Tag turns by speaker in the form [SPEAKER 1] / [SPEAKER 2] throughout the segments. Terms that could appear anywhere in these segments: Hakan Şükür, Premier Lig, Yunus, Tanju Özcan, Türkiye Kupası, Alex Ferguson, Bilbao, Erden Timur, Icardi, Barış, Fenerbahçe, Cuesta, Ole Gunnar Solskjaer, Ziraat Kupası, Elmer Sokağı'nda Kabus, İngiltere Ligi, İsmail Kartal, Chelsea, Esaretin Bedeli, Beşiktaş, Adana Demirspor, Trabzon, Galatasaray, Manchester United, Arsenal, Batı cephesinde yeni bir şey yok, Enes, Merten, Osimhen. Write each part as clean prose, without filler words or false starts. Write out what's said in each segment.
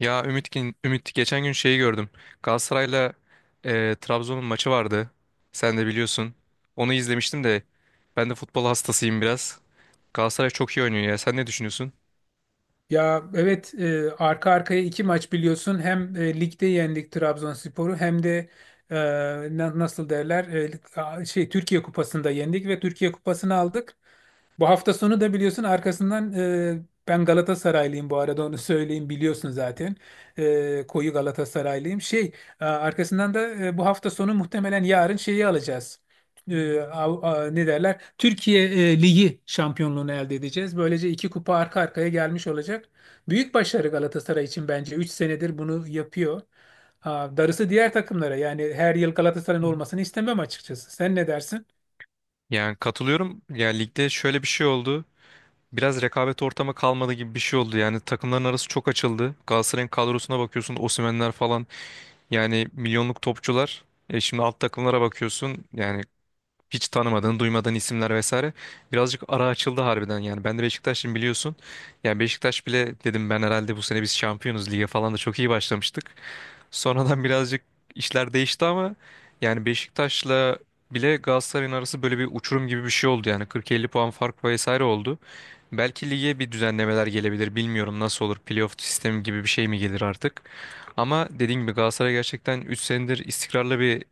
[SPEAKER 1] Ya Ümit, geçen gün şeyi gördüm. Galatasaray'la Trabzon'un maçı vardı. Sen de biliyorsun. Onu izlemiştim de ben de futbol hastasıyım biraz. Galatasaray çok iyi oynuyor ya. Sen ne düşünüyorsun?
[SPEAKER 2] Ya, evet, arka arkaya iki maç biliyorsun. Hem ligde yendik Trabzonspor'u, hem de e, nasıl derler, Türkiye Kupası'nda yendik ve Türkiye Kupası'nı aldık. Bu hafta sonu da biliyorsun arkasından, ben Galatasaraylıyım bu arada onu söyleyeyim, biliyorsun zaten. Koyu Galatasaraylıyım. Arkasından da bu hafta sonu muhtemelen yarın şeyi alacağız, ne derler, Türkiye Ligi şampiyonluğunu elde edeceğiz. Böylece iki kupa arka arkaya gelmiş olacak. Büyük başarı Galatasaray için, bence. Üç senedir bunu yapıyor. Ha, darısı diğer takımlara. Yani her yıl Galatasaray'ın olmasını istemem, açıkçası. Sen ne dersin?
[SPEAKER 1] Yani katılıyorum. Yani ligde şöyle bir şey oldu. Biraz rekabet ortamı kalmadı gibi bir şey oldu. Yani takımların arası çok açıldı. Galatasaray'ın kadrosuna bakıyorsun. Osimhen'ler falan. Yani milyonluk topçular. E şimdi alt takımlara bakıyorsun. Yani hiç tanımadığın, duymadığın isimler vesaire. Birazcık ara açıldı harbiden yani. Ben de Beşiktaş'ım biliyorsun. Yani Beşiktaş bile dedim ben herhalde bu sene biz şampiyonuz, lige falan da çok iyi başlamıştık. Sonradan birazcık işler değişti ama yani Beşiktaş'la bile Galatasaray'ın arası böyle bir uçurum gibi bir şey oldu yani. 40-50 puan fark vesaire oldu. Belki lige bir düzenlemeler gelebilir. Bilmiyorum nasıl olur. Playoff sistemi gibi bir şey mi gelir artık? Ama dediğim gibi Galatasaray gerçekten 3 senedir istikrarlı bir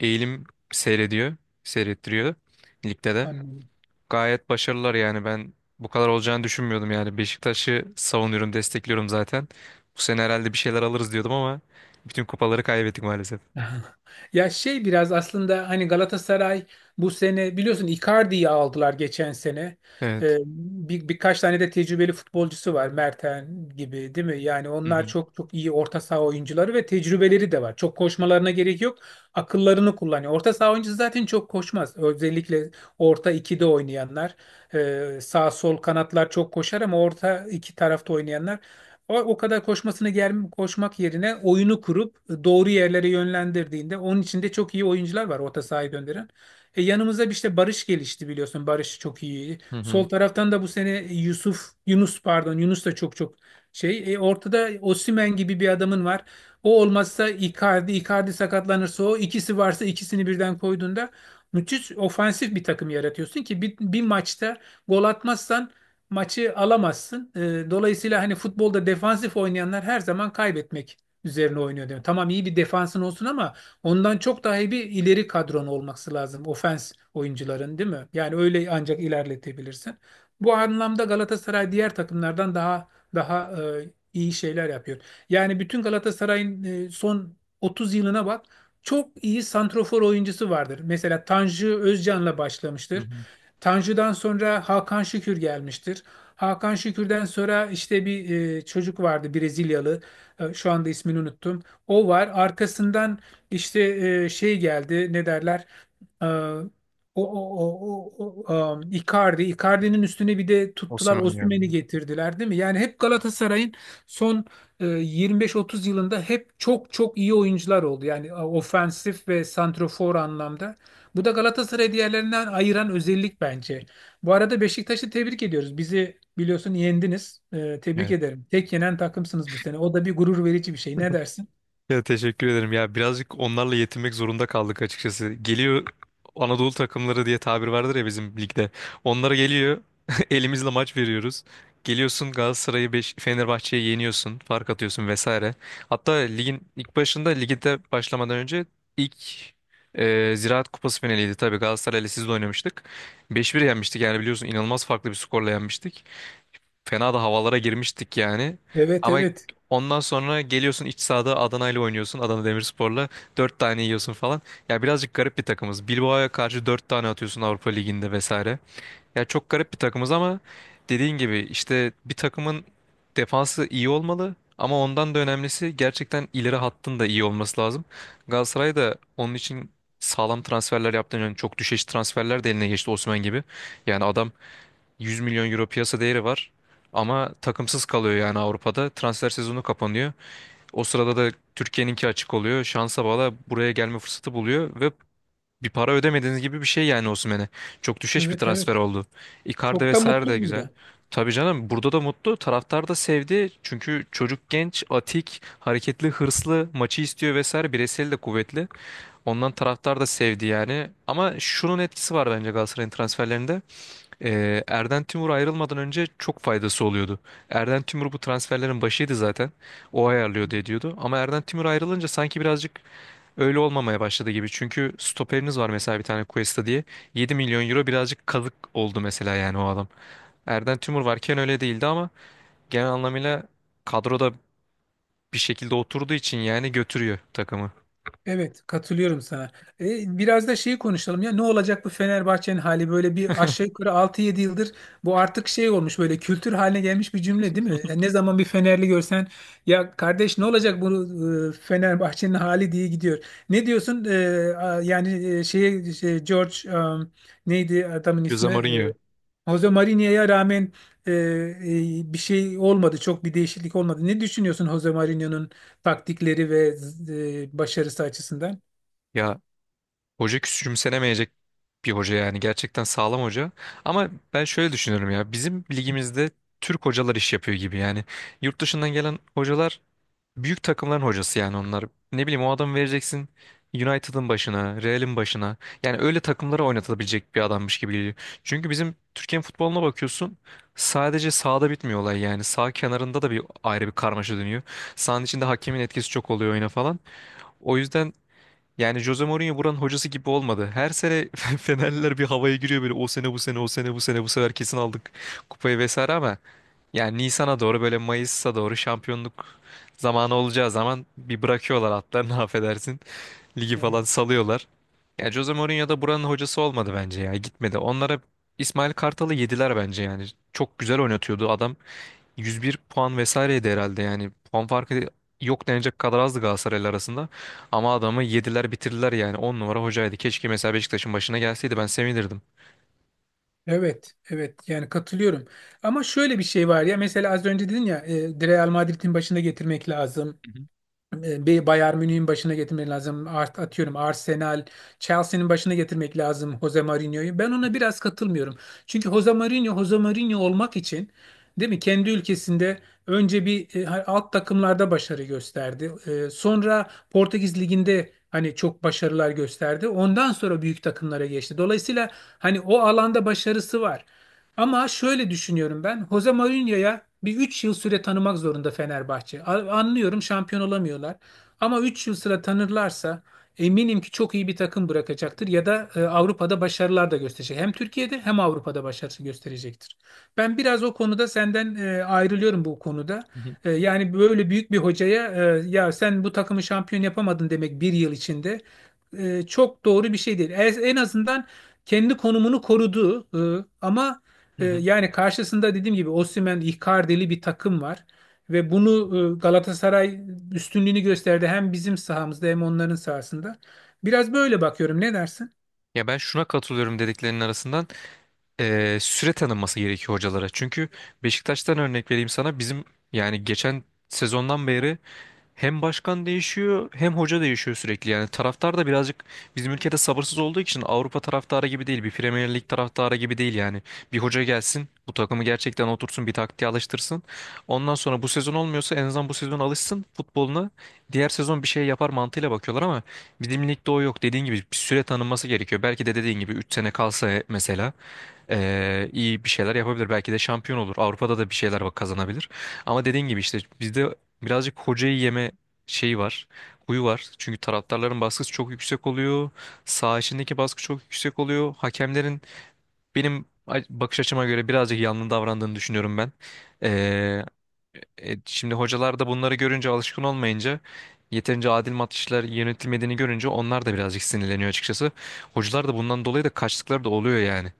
[SPEAKER 1] eğilim seyrediyor. Seyrettiriyor ligde de.
[SPEAKER 2] Anladım.
[SPEAKER 1] Gayet başarılılar yani, ben bu kadar olacağını düşünmüyordum yani. Beşiktaş'ı savunuyorum, destekliyorum zaten. Bu sene herhalde bir şeyler alırız diyordum ama bütün kupaları kaybettik maalesef.
[SPEAKER 2] Ya, şey, biraz aslında hani Galatasaray bu sene biliyorsun Icardi'yi aldılar geçen sene.
[SPEAKER 1] Evet.
[SPEAKER 2] Ee, Birkaç tane de tecrübeli futbolcusu var, Merten gibi, değil mi? Yani
[SPEAKER 1] Hı
[SPEAKER 2] onlar
[SPEAKER 1] hı.
[SPEAKER 2] çok çok iyi orta saha oyuncuları ve tecrübeleri de var. Çok koşmalarına gerek yok. Akıllarını kullanıyor. Orta saha oyuncusu zaten çok koşmaz. Özellikle orta ikide oynayanlar. Sağ sol kanatlar çok koşar ama orta iki tarafta oynayanlar o kadar koşmak yerine oyunu kurup doğru yerlere yönlendirdiğinde, onun içinde çok iyi oyuncular var orta sahaya gönderen. Yanımıza bir işte Barış gelişti, biliyorsun. Barış çok iyi.
[SPEAKER 1] Hı hı.
[SPEAKER 2] Sol taraftan da bu sene Yusuf, Yunus pardon Yunus da çok çok şey. Ortada Osimhen gibi bir adamın var. O olmazsa Icardi, Icardi sakatlanırsa o ikisi varsa ikisini birden koyduğunda müthiş ofansif bir takım yaratıyorsun ki bir maçta gol atmazsan maçı alamazsın. Dolayısıyla hani futbolda defansif oynayanlar her zaman kaybetmek üzerine oynuyor diyor. Tamam, iyi bir defansın olsun ama ondan çok daha iyi bir ileri kadron olması lazım. Ofens oyuncuların, değil mi? Yani öyle ancak ilerletebilirsin. Bu anlamda Galatasaray diğer takımlardan daha iyi şeyler yapıyor. Yani bütün Galatasaray'ın son 30 yılına bak. Çok iyi santrofor oyuncusu vardır. Mesela Tanju Özcan'la
[SPEAKER 1] Hı
[SPEAKER 2] başlamıştır.
[SPEAKER 1] hı.
[SPEAKER 2] Tanju'dan sonra Hakan Şükür gelmiştir. Hakan Şükür'den sonra işte bir çocuk vardı, Brezilyalı. Şu anda ismini unuttum. O var. Arkasından işte şey geldi. Ne derler? Icardi. Icardi'nin üstüne bir de tuttular,
[SPEAKER 1] Osimhen
[SPEAKER 2] Osimhen'i
[SPEAKER 1] geldi.
[SPEAKER 2] getirdiler, değil mi? Yani hep Galatasaray'ın son 25-30 yılında hep çok çok iyi oyuncular oldu. Yani ofensif ve santrofor anlamda. Bu da Galatasaray'ı diğerlerinden ayıran özellik, bence. Bu arada Beşiktaş'ı tebrik ediyoruz. Bizi biliyorsun yendiniz. Tebrik ederim. Tek yenen takımsınız bu sene. O da bir gurur verici bir şey. Ne dersin?
[SPEAKER 1] Ya teşekkür ederim. Ya birazcık onlarla yetinmek zorunda kaldık açıkçası. Geliyor Anadolu takımları diye tabir vardır ya bizim ligde. Onlara geliyor. Elimizle maç veriyoruz. Geliyorsun Galatasaray'ı Fenerbahçe'yi yeniyorsun. Fark atıyorsun vesaire. Hatta ligin ilk başında ligde başlamadan önce ilk Ziraat Kupası finaliydi tabii. Galatasaray'la siz de oynamıştık. 5-1 yenmiştik yani, biliyorsun inanılmaz farklı bir skorla yenmiştik. Fena da havalara girmiştik yani.
[SPEAKER 2] Evet,
[SPEAKER 1] Ama
[SPEAKER 2] evet.
[SPEAKER 1] ondan sonra geliyorsun iç sahada Adana ile oynuyorsun. Adana Demirspor'la 4 tane yiyorsun falan. Ya birazcık garip bir takımız. Bilbao'ya karşı 4 tane atıyorsun Avrupa Ligi'nde vesaire. Ya çok garip bir takımız ama dediğin gibi işte bir takımın defansı iyi olmalı. Ama ondan da önemlisi gerçekten ileri hattın da iyi olması lazım. Galatasaray da onun için sağlam transferler yaptığını yani, çok düşeş transferler de eline geçti Osman gibi. Yani adam 100 milyon euro piyasa değeri var. Ama takımsız kalıyor yani Avrupa'da. Transfer sezonu kapanıyor. O sırada da Türkiye'ninki açık oluyor. Şansa bağla buraya gelme fırsatı buluyor ve bir para ödemediğiniz gibi bir şey yani Osimhen'e. Çok düşeş bir
[SPEAKER 2] Evet,
[SPEAKER 1] transfer
[SPEAKER 2] evet.
[SPEAKER 1] oldu. Icardi
[SPEAKER 2] Çok da
[SPEAKER 1] vesaire
[SPEAKER 2] mutlu
[SPEAKER 1] de güzel.
[SPEAKER 2] burada.
[SPEAKER 1] Tabii canım, burada da mutlu. Taraftar da sevdi. Çünkü çocuk genç, atik, hareketli, hırslı, maçı istiyor vesaire. Bireysel de kuvvetli. Ondan taraftar da sevdi yani. Ama şunun etkisi var bence Galatasaray'ın transferlerinde. Erden Timur ayrılmadan önce çok faydası oluyordu. Erden Timur bu transferlerin başıydı zaten. O ayarlıyordu, ediyordu. Ama Erden Timur ayrılınca sanki birazcık öyle olmamaya başladı gibi. Çünkü stoperiniz var mesela bir tane, Cuesta diye. 7 milyon euro, birazcık kazık oldu mesela yani o adam. Erden Timur varken öyle değildi ama genel anlamıyla kadroda bir şekilde oturduğu için yani götürüyor takımı.
[SPEAKER 2] Evet, katılıyorum sana. Biraz da şeyi konuşalım ya. Ne olacak bu Fenerbahçe'nin hali? Böyle bir aşağı yukarı 6-7 yıldır bu artık şey olmuş, böyle kültür haline gelmiş bir cümle, değil mi? Ne zaman bir Fenerli görsen, ya kardeş ne olacak bu Fenerbahçe'nin hali diye gidiyor. Ne diyorsun? Yani şeye şey, George, neydi adamın
[SPEAKER 1] Jose
[SPEAKER 2] ismi?
[SPEAKER 1] Mourinho.
[SPEAKER 2] Jose Mourinho'ya rağmen bir şey olmadı. Çok bir değişiklik olmadı. Ne düşünüyorsun Jose Mourinho'nun taktikleri ve başarısı açısından?
[SPEAKER 1] Ya hoca küçümsenemeyecek bir hoca yani, gerçekten sağlam hoca. Ama ben şöyle düşünüyorum, ya bizim ligimizde Türk hocalar iş yapıyor gibi yani. Yurt dışından gelen hocalar büyük takımların hocası yani onlar. Ne bileyim, o adamı vereceksin United'ın başına, Real'in başına. Yani öyle takımlara oynatılabilecek bir adammış gibi geliyor. Çünkü bizim Türkiye'nin futboluna bakıyorsun, sadece sahada bitmiyor olay yani. Sağ kenarında da bir ayrı bir karmaşa dönüyor. Sahanın içinde hakemin etkisi çok oluyor oyuna falan. O yüzden yani Jose Mourinho buranın hocası gibi olmadı. Her sene Fenerliler bir havaya giriyor böyle, o sene bu sene, o sene bu sene, bu sefer kesin aldık kupayı vesaire ama yani Nisan'a doğru, böyle Mayıs'a doğru şampiyonluk zamanı olacağı zaman bir bırakıyorlar atlarını affedersin. Ligi
[SPEAKER 2] Evet.
[SPEAKER 1] falan salıyorlar. Yani Jose Mourinho da buranın hocası olmadı bence, ya gitmedi. Onlara İsmail Kartal'ı yediler bence yani. Çok güzel oynatıyordu adam. 101 puan vesaireydi herhalde yani. Puan farkı yok denecek kadar azdı Galatasaray'la arasında. Ama adamı yediler bitirdiler yani. 10 numara hocaydı. Keşke mesela Beşiktaş'ın başına gelseydi ben sevinirdim.
[SPEAKER 2] Evet, evet. Yani katılıyorum. Ama şöyle bir şey var ya, mesela az önce dedin ya, Real Madrid'in başına getirmek lazım.
[SPEAKER 1] Hı
[SPEAKER 2] Bayern Münih'in başına getirmek lazım. Art atıyorum, Arsenal, Chelsea'nin başına getirmek lazım Jose Mourinho'yu. Ben ona biraz katılmıyorum. Çünkü Jose Mourinho, Jose Mourinho olmak için, değil mi? Kendi ülkesinde önce bir alt takımlarda başarı gösterdi. Sonra Portekiz Ligi'nde hani çok başarılar gösterdi. Ondan sonra büyük takımlara geçti. Dolayısıyla hani o alanda başarısı var. Ama şöyle düşünüyorum ben. Jose Mourinho'ya bir 3 yıl süre tanımak zorunda Fenerbahçe. Anlıyorum, şampiyon olamıyorlar. Ama 3 yıl süre tanırlarsa eminim ki çok iyi bir takım bırakacaktır ya da Avrupa'da başarılar da gösterecek. Hem Türkiye'de hem Avrupa'da başarısı gösterecektir. Ben biraz o konuda senden ayrılıyorum bu konuda.
[SPEAKER 1] hı.
[SPEAKER 2] Yani böyle büyük bir hocaya ya sen bu takımı şampiyon yapamadın demek bir yıl içinde çok doğru bir şey değil. En azından kendi konumunu korudu, ama
[SPEAKER 1] Hı hı.
[SPEAKER 2] yani karşısında dediğim gibi Osimhen, Icardi'li bir takım var. Ve bunu Galatasaray üstünlüğünü gösterdi, hem bizim sahamızda hem onların sahasında. Biraz böyle bakıyorum. Ne dersin?
[SPEAKER 1] Ya ben şuna katılıyorum dediklerinin arasından: süre tanınması gerekiyor hocalara. Çünkü Beşiktaş'tan örnek vereyim sana, bizim yani geçen sezondan beri hem başkan değişiyor hem hoca değişiyor sürekli. Yani taraftar da birazcık bizim ülkede sabırsız olduğu için, Avrupa taraftarı gibi değil. Bir Premier Lig taraftarı gibi değil yani. Bir hoca gelsin bu takımı gerçekten otursun, bir taktiğe alıştırsın. Ondan sonra bu sezon olmuyorsa en azından bu sezon alışsın futboluna. Diğer sezon bir şey yapar mantığıyla bakıyorlar ama bizim ligde o yok. Dediğin gibi bir süre tanınması gerekiyor. Belki de dediğin gibi 3 sene kalsa mesela iyi bir şeyler yapabilir. Belki de şampiyon olur. Avrupa'da da bir şeyler bak kazanabilir. Ama dediğin gibi işte bizde birazcık hocayı yeme şeyi var. Huyu var. Çünkü taraftarların baskısı çok yüksek oluyor. Saha içindeki baskı çok yüksek oluyor. Hakemlerin benim bakış açıma göre birazcık yanlı davrandığını düşünüyorum ben. Eee, şimdi hocalar da bunları görünce, alışkın olmayınca, yeterince adil maçlar yönetilmediğini görünce onlar da birazcık sinirleniyor açıkçası. Hocalar da bundan dolayı da kaçtıkları da oluyor yani.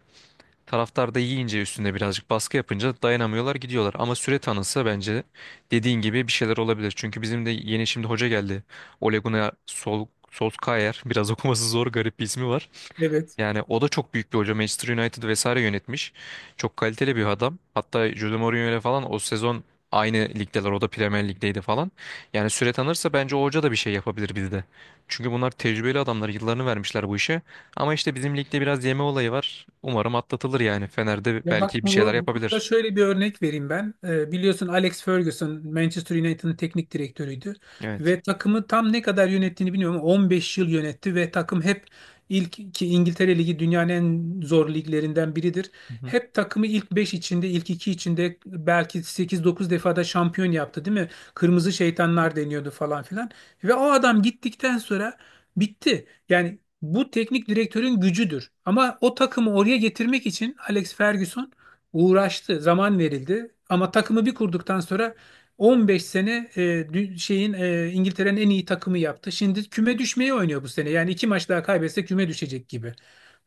[SPEAKER 1] Taraftar da yiyince üstüne, birazcık baskı yapınca dayanamıyorlar, gidiyorlar. Ama süre tanınsa bence dediğin gibi bir şeyler olabilir. Çünkü bizim de yeni şimdi hoca geldi. Ole Gunnar Sol Solskjaer, biraz okuması zor garip bir ismi var.
[SPEAKER 2] Evet.
[SPEAKER 1] Yani o da çok büyük bir hoca. Manchester United vesaire yönetmiş. Çok kaliteli bir adam. Hatta Jose Mourinho ile falan o sezon aynı ligdeler. O da Premier Lig'deydi falan. Yani süre tanırsa bence o hoca da bir şey yapabilir bizde. Çünkü bunlar tecrübeli adamlar. Yıllarını vermişler bu işe. Ama işte bizim ligde biraz yeme olayı var. Umarım atlatılır yani. Fener'de
[SPEAKER 2] Ya bak,
[SPEAKER 1] belki bir şeyler
[SPEAKER 2] bu konuda
[SPEAKER 1] yapabilir.
[SPEAKER 2] şöyle bir örnek vereyim ben. Biliyorsun Alex Ferguson Manchester United'ın teknik direktörüydü
[SPEAKER 1] Evet.
[SPEAKER 2] ve takımı tam ne kadar yönettiğini bilmiyorum ama 15 yıl yönetti ve takım hep ilk; ki İngiltere Ligi dünyanın en zor liglerinden biridir.
[SPEAKER 1] Hı hı.
[SPEAKER 2] Hep takımı ilk 5 içinde, ilk 2 içinde belki sekiz dokuz defada şampiyon yaptı, değil mi? Kırmızı şeytanlar deniyordu falan filan. Ve o adam gittikten sonra bitti. Yani bu teknik direktörün gücüdür. Ama o takımı oraya getirmek için Alex Ferguson uğraştı, zaman verildi. Ama takımı bir kurduktan sonra 15 sene İngiltere'nin en iyi takımı yaptı. Şimdi küme düşmeye oynuyor bu sene. Yani iki maç daha kaybetse küme düşecek gibi.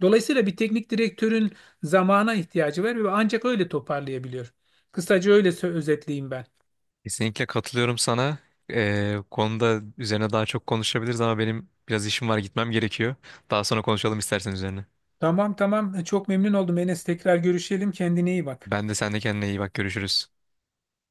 [SPEAKER 2] Dolayısıyla bir teknik direktörün zamana ihtiyacı var ve ancak öyle toparlayabiliyor. Kısaca öyle özetleyeyim ben.
[SPEAKER 1] Kesinlikle katılıyorum sana. Konuda üzerine daha çok konuşabiliriz ama benim biraz işim var, gitmem gerekiyor. Daha sonra konuşalım istersen üzerine.
[SPEAKER 2] Tamam, tamam, çok memnun oldum Enes. Tekrar görüşelim. Kendine iyi bak.
[SPEAKER 1] Ben de, sen de kendine iyi bak, görüşürüz.